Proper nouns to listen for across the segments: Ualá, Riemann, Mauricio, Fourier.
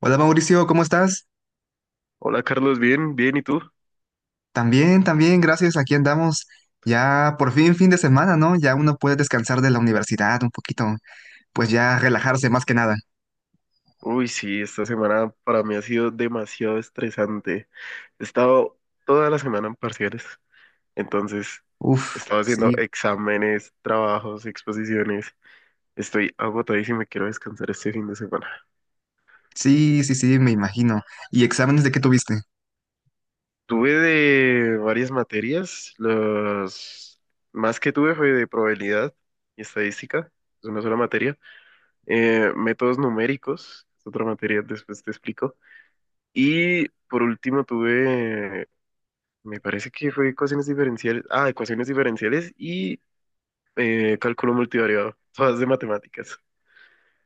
Hola Mauricio, ¿cómo estás? Hola Carlos, bien, bien, ¿y tú? También, también, gracias. Aquí andamos. Ya por fin fin de semana, ¿no? Ya uno puede descansar de la universidad un poquito, pues ya relajarse más que nada. Uy, sí, esta semana para mí ha sido demasiado estresante. He estado toda la semana en parciales, entonces he Uf, estado haciendo sí, exámenes, trabajos, exposiciones. Estoy agotadísimo y quiero descansar este fin de semana. sí, sí, sí, me imagino. ¿Y exámenes de qué tuviste? Tuve de varias materias, los más que tuve fue de probabilidad y estadística, es una sola materia. Métodos numéricos, es otra materia, después te explico. Y por último me parece que fue ecuaciones diferenciales, ah, ecuaciones diferenciales y cálculo multivariado, todas de matemáticas.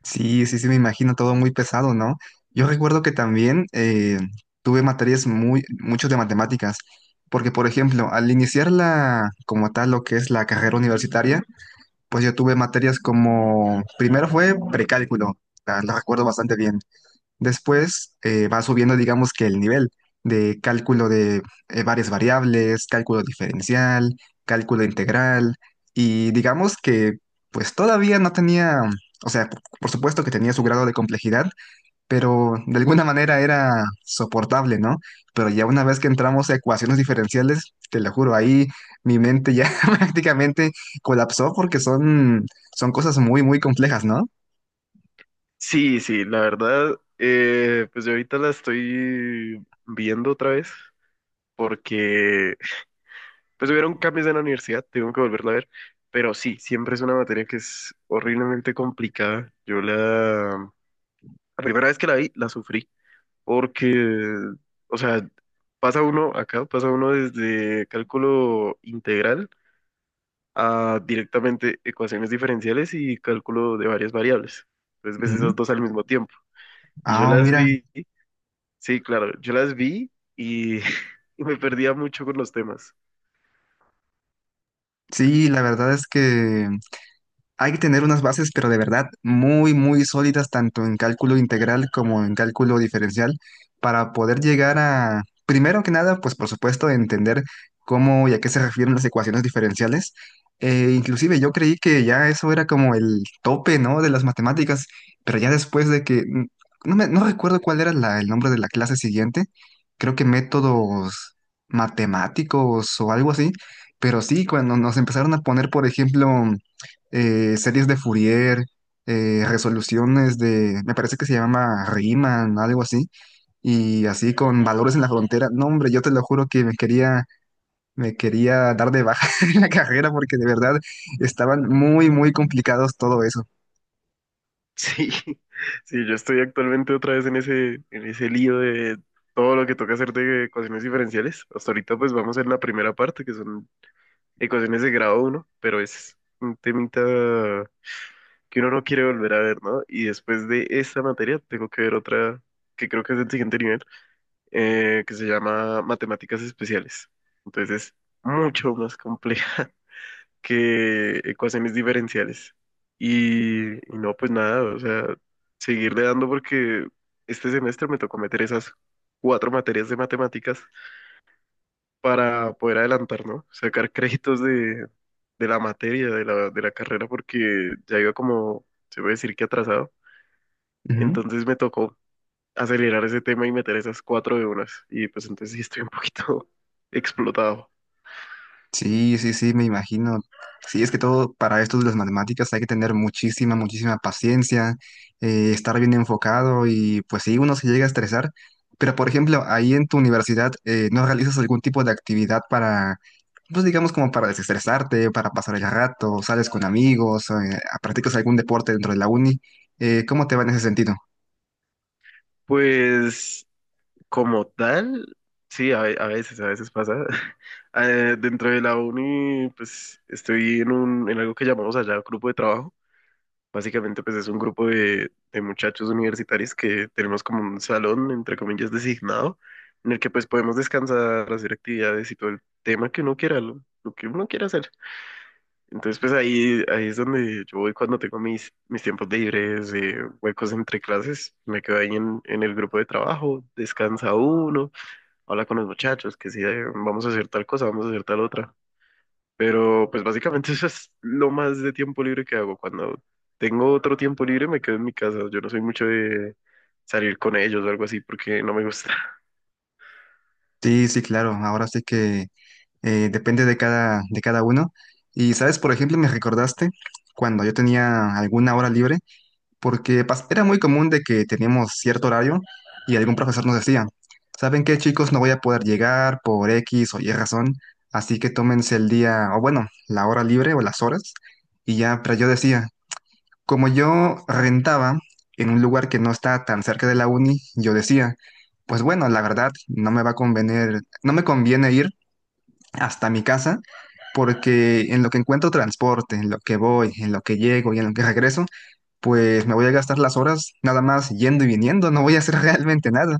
Sí, sí, sí, me imagino todo muy pesado, ¿no? Yo recuerdo que también tuve materias muy, mucho de matemáticas, porque por ejemplo, al iniciar como tal, lo que es la carrera universitaria, pues yo tuve materias como, primero fue precálculo, la recuerdo bastante bien. Después va subiendo, digamos que el nivel de cálculo de varias variables, cálculo diferencial, cálculo integral, y digamos que pues todavía no tenía, o sea, por supuesto que tenía su grado de complejidad, pero de alguna manera era soportable, ¿no? Pero ya una vez que entramos a ecuaciones diferenciales, te lo juro, ahí mi mente ya prácticamente colapsó porque son cosas muy, muy complejas, ¿no? Sí, sí, la verdad, pues yo ahorita la estoy viendo otra vez porque pues hubieron cambios en la universidad, tengo que volverla a ver, pero sí, siempre es una materia que es horriblemente complicada. La primera vez que la vi, la sufrí, porque, o sea, pasa uno acá, pasa uno desde cálculo integral a directamente ecuaciones diferenciales y cálculo de varias variables. Entonces ves Ujú. esas dos al mismo tiempo. Y yo Ah, las mira, vi, sí, claro, yo las vi y, y me perdía mucho con los temas. sí, la verdad es que hay que tener unas bases, pero de verdad, muy, muy sólidas, tanto en cálculo integral como en cálculo diferencial, para poder llegar a, primero que nada, pues por supuesto, entender cómo y a qué se refieren las ecuaciones diferenciales. Inclusive yo creí que ya eso era como el tope, ¿no?, de las matemáticas, pero ya después de que, no recuerdo cuál era el nombre de la clase siguiente, creo que métodos matemáticos o algo así, pero sí, cuando nos empezaron a poner, por ejemplo, series de Fourier, resoluciones de, me parece que se llama Riemann, algo así, y así con valores en la frontera. No, hombre, yo te lo juro que me quería dar de baja en la carrera porque de verdad estaban muy, muy complicados todo eso. Sí, sí, yo estoy actualmente otra vez en ese lío de todo lo que toca hacer de ecuaciones diferenciales. Hasta ahorita pues vamos en la primera parte, que son ecuaciones de grado uno, pero es un temita que uno no quiere volver a ver, ¿no? Y después de esta materia tengo que ver otra que creo que es del siguiente nivel, que se llama matemáticas especiales. Entonces es mucho más compleja que ecuaciones diferenciales. Y no, pues nada, o sea, seguirle dando porque este semestre me tocó meter esas cuatro materias de matemáticas para poder adelantar, ¿no? Sacar créditos de la materia, de la carrera, porque ya iba como, se puede decir que atrasado. Ujú. Entonces me tocó acelerar ese tema y meter esas cuatro de unas. Y pues entonces sí estoy un poquito explotado. Sí, sí, sí, me imagino. Sí, es que todo para esto de las matemáticas hay que tener muchísima, muchísima paciencia, estar bien enfocado y pues sí, uno se llega a estresar. Pero por ejemplo, ahí en tu universidad, ¿no realizas algún tipo de actividad para, pues digamos como para desestresarte, para pasar el rato, sales con amigos, practicas algún deporte dentro de la uni? ¿Cómo te va en ese sentido? Pues como tal, sí, a veces pasa. Dentro de la uni, pues estoy en algo que llamamos allá grupo de trabajo. Básicamente, pues es un grupo de muchachos universitarios que tenemos como un salón, entre comillas, designado, en el que pues podemos descansar, hacer actividades y todo el tema que uno quiera, lo que uno quiera hacer. Entonces, ahí es donde yo voy cuando tengo mis tiempos libres, huecos entre clases, me quedo ahí en el grupo de trabajo, descansa uno, habla con los muchachos, que si vamos a hacer tal cosa, vamos a hacer tal otra. Pero pues básicamente eso es lo más de tiempo libre que hago. Cuando tengo otro tiempo libre me quedo en mi casa. Yo no soy mucho de salir con ellos o algo así porque no me gusta. Sí, sí, claro. Ahora sí que depende de cada uno. Y, ¿sabes? Por ejemplo, me recordaste cuando yo tenía alguna hora libre, porque era muy común de que teníamos cierto horario y algún profesor nos decía, ¿saben qué, chicos? No voy a poder llegar por X o Y razón, así que tómense el día, o bueno, la hora libre o las horas. Y ya, pero yo decía, como yo rentaba en un lugar que no está tan cerca de la uni, yo decía, pues bueno, la verdad, no me va a convenir, no me conviene ir hasta mi casa, porque en lo que encuentro transporte, en lo que voy, en lo que llego y en lo que regreso, pues me voy a gastar las horas nada más yendo y viniendo, no voy a hacer realmente nada.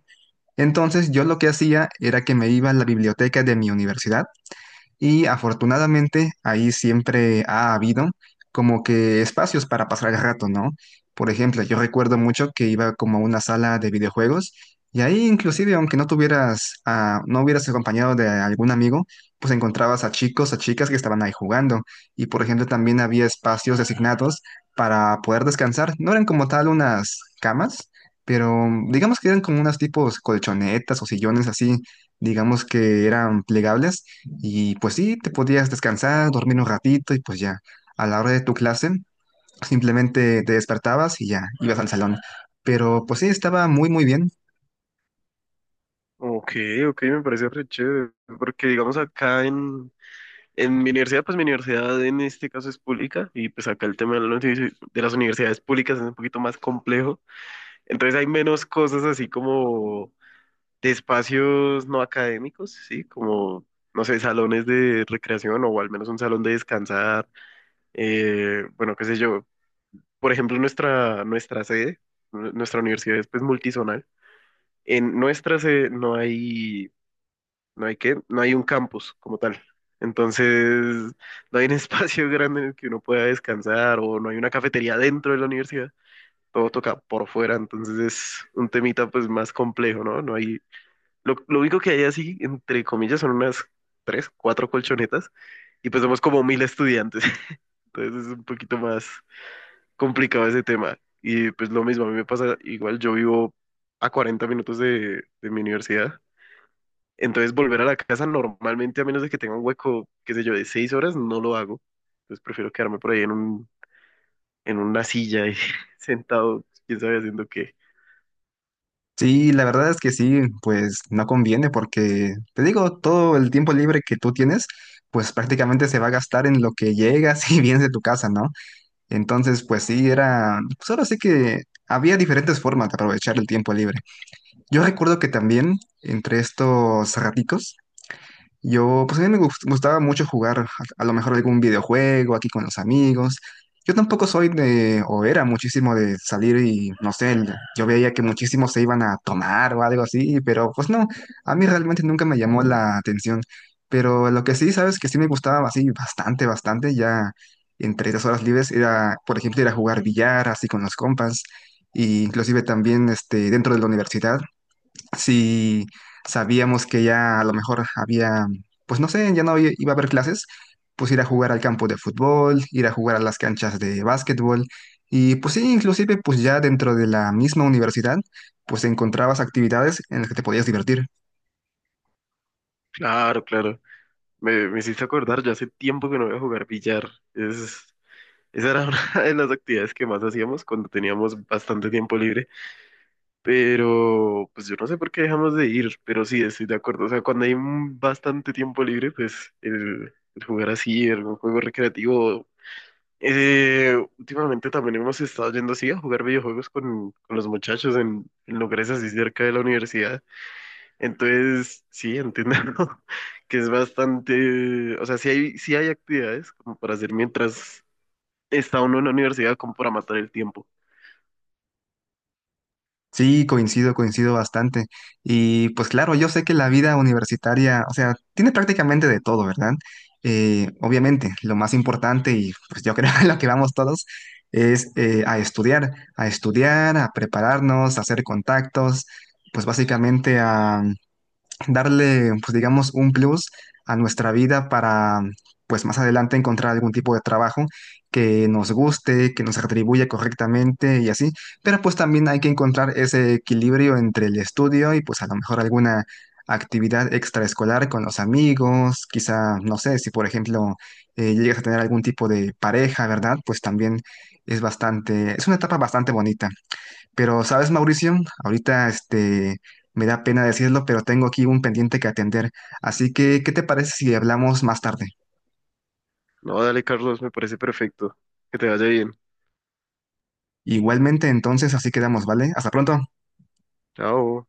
Entonces yo lo que hacía era que me iba a la biblioteca de mi universidad y afortunadamente ahí siempre ha habido como que espacios para pasar el rato, ¿no? Por ejemplo, yo recuerdo mucho que iba como a una sala de videojuegos y ahí inclusive aunque no hubieras acompañado de algún amigo, pues encontrabas a chicos, a chicas que estaban ahí jugando. Y por ejemplo también había espacios designados para poder descansar. No eran como tal unas camas, pero digamos que eran como unas tipos colchonetas o sillones así, digamos que eran plegables y pues sí, te podías descansar, dormir un ratito y pues ya, a la hora de tu clase, simplemente te despertabas y ya, ibas al salón. Pero pues sí, estaba muy, muy bien. Ok, ok, me parece re chévere. Porque digamos en mi universidad, pues mi universidad en este caso es pública y pues acá el tema de de las universidades públicas es un poquito más complejo. Entonces hay menos cosas así como de espacios no académicos, ¿sí? Como, no sé, salones de recreación o al menos un salón de descansar. Bueno, qué sé yo. Por ejemplo, nuestra sede, nuestra universidad es pues multizonal. En nuestra sede no hay, no hay qué, no hay un campus como tal. Entonces, no hay un espacio grande en el que uno pueda descansar o no hay una cafetería dentro de la universidad. Todo toca por fuera, entonces es un temita pues más complejo, ¿no? No hay, lo único que hay así, entre comillas, son unas tres, cuatro colchonetas y pues somos como 1000 estudiantes. Entonces es un poquito más complicado ese tema. Y pues lo mismo, a mí me pasa igual, yo vivo a 40 minutos de mi universidad, entonces volver a la casa normalmente, a menos de que tenga un hueco, qué sé yo, de 6 horas, no lo hago. Entonces prefiero quedarme por ahí en en una silla y sentado, quién sabe haciendo qué. Sí, la verdad es que sí, pues no conviene porque, te digo, todo el tiempo libre que tú tienes, pues prácticamente se va a gastar en lo que llegas y vienes de tu casa, ¿no? Entonces, pues sí, solo sé que había diferentes formas de aprovechar el tiempo libre. Yo recuerdo que también, entre estos raticos, pues a mí gustaba mucho jugar a lo mejor algún videojuego aquí con los amigos. Yo tampoco soy o era muchísimo de salir y, no sé, yo veía que muchísimos se iban a tomar o algo así, pero pues no, a mí realmente nunca me llamó la atención. Pero lo que sí, sabes, que sí me gustaba así bastante, bastante, ya entre las horas libres era, por ejemplo, ir a jugar billar así con los compas, e inclusive también este, dentro de la universidad si sabíamos que ya a lo mejor había, pues no sé, ya no i- iba a haber clases, pues ir a jugar al campo de fútbol, ir a jugar a las canchas de básquetbol y pues sí, inclusive pues ya dentro de la misma universidad, pues encontrabas actividades en las que te podías divertir. Claro, claro. Me hiciste acordar, yo hace tiempo que no voy a jugar billar. Esa era una de las actividades que más hacíamos cuando teníamos bastante tiempo libre. Pero, pues yo no sé por qué dejamos de ir, pero sí, estoy de acuerdo. O sea, cuando hay un bastante tiempo libre, pues el jugar así, el juego recreativo. Últimamente también hemos estado yendo así a jugar videojuegos con los muchachos en lugares así cerca de la universidad. Entonces, sí, entiendo que es bastante, o sea, sí hay actividades como para hacer mientras está uno en la universidad, como para matar el tiempo. Sí, coincido, coincido bastante. Y pues claro, yo sé que la vida universitaria, o sea, tiene prácticamente de todo, ¿verdad? Obviamente, lo más importante y pues yo creo en lo que vamos todos es a estudiar, a estudiar, a prepararnos, a hacer contactos, pues básicamente darle, pues digamos, un plus a nuestra vida para, pues más adelante encontrar algún tipo de trabajo que nos guste, que nos atribuya correctamente y así. Pero pues también hay que encontrar ese equilibrio entre el estudio y pues a lo mejor alguna actividad extraescolar con los amigos, quizá, no sé, si por ejemplo llegas a tener algún tipo de pareja, ¿verdad? Pues también es bastante, es una etapa bastante bonita. Pero, ¿sabes, Mauricio? Ahorita, este, me da pena decirlo, pero tengo aquí un pendiente que atender. Así que, ¿qué te parece si hablamos más tarde? No, dale, Carlos, me parece perfecto. Que te vaya bien. Igualmente, entonces, así quedamos, ¿vale? Hasta pronto. Chao.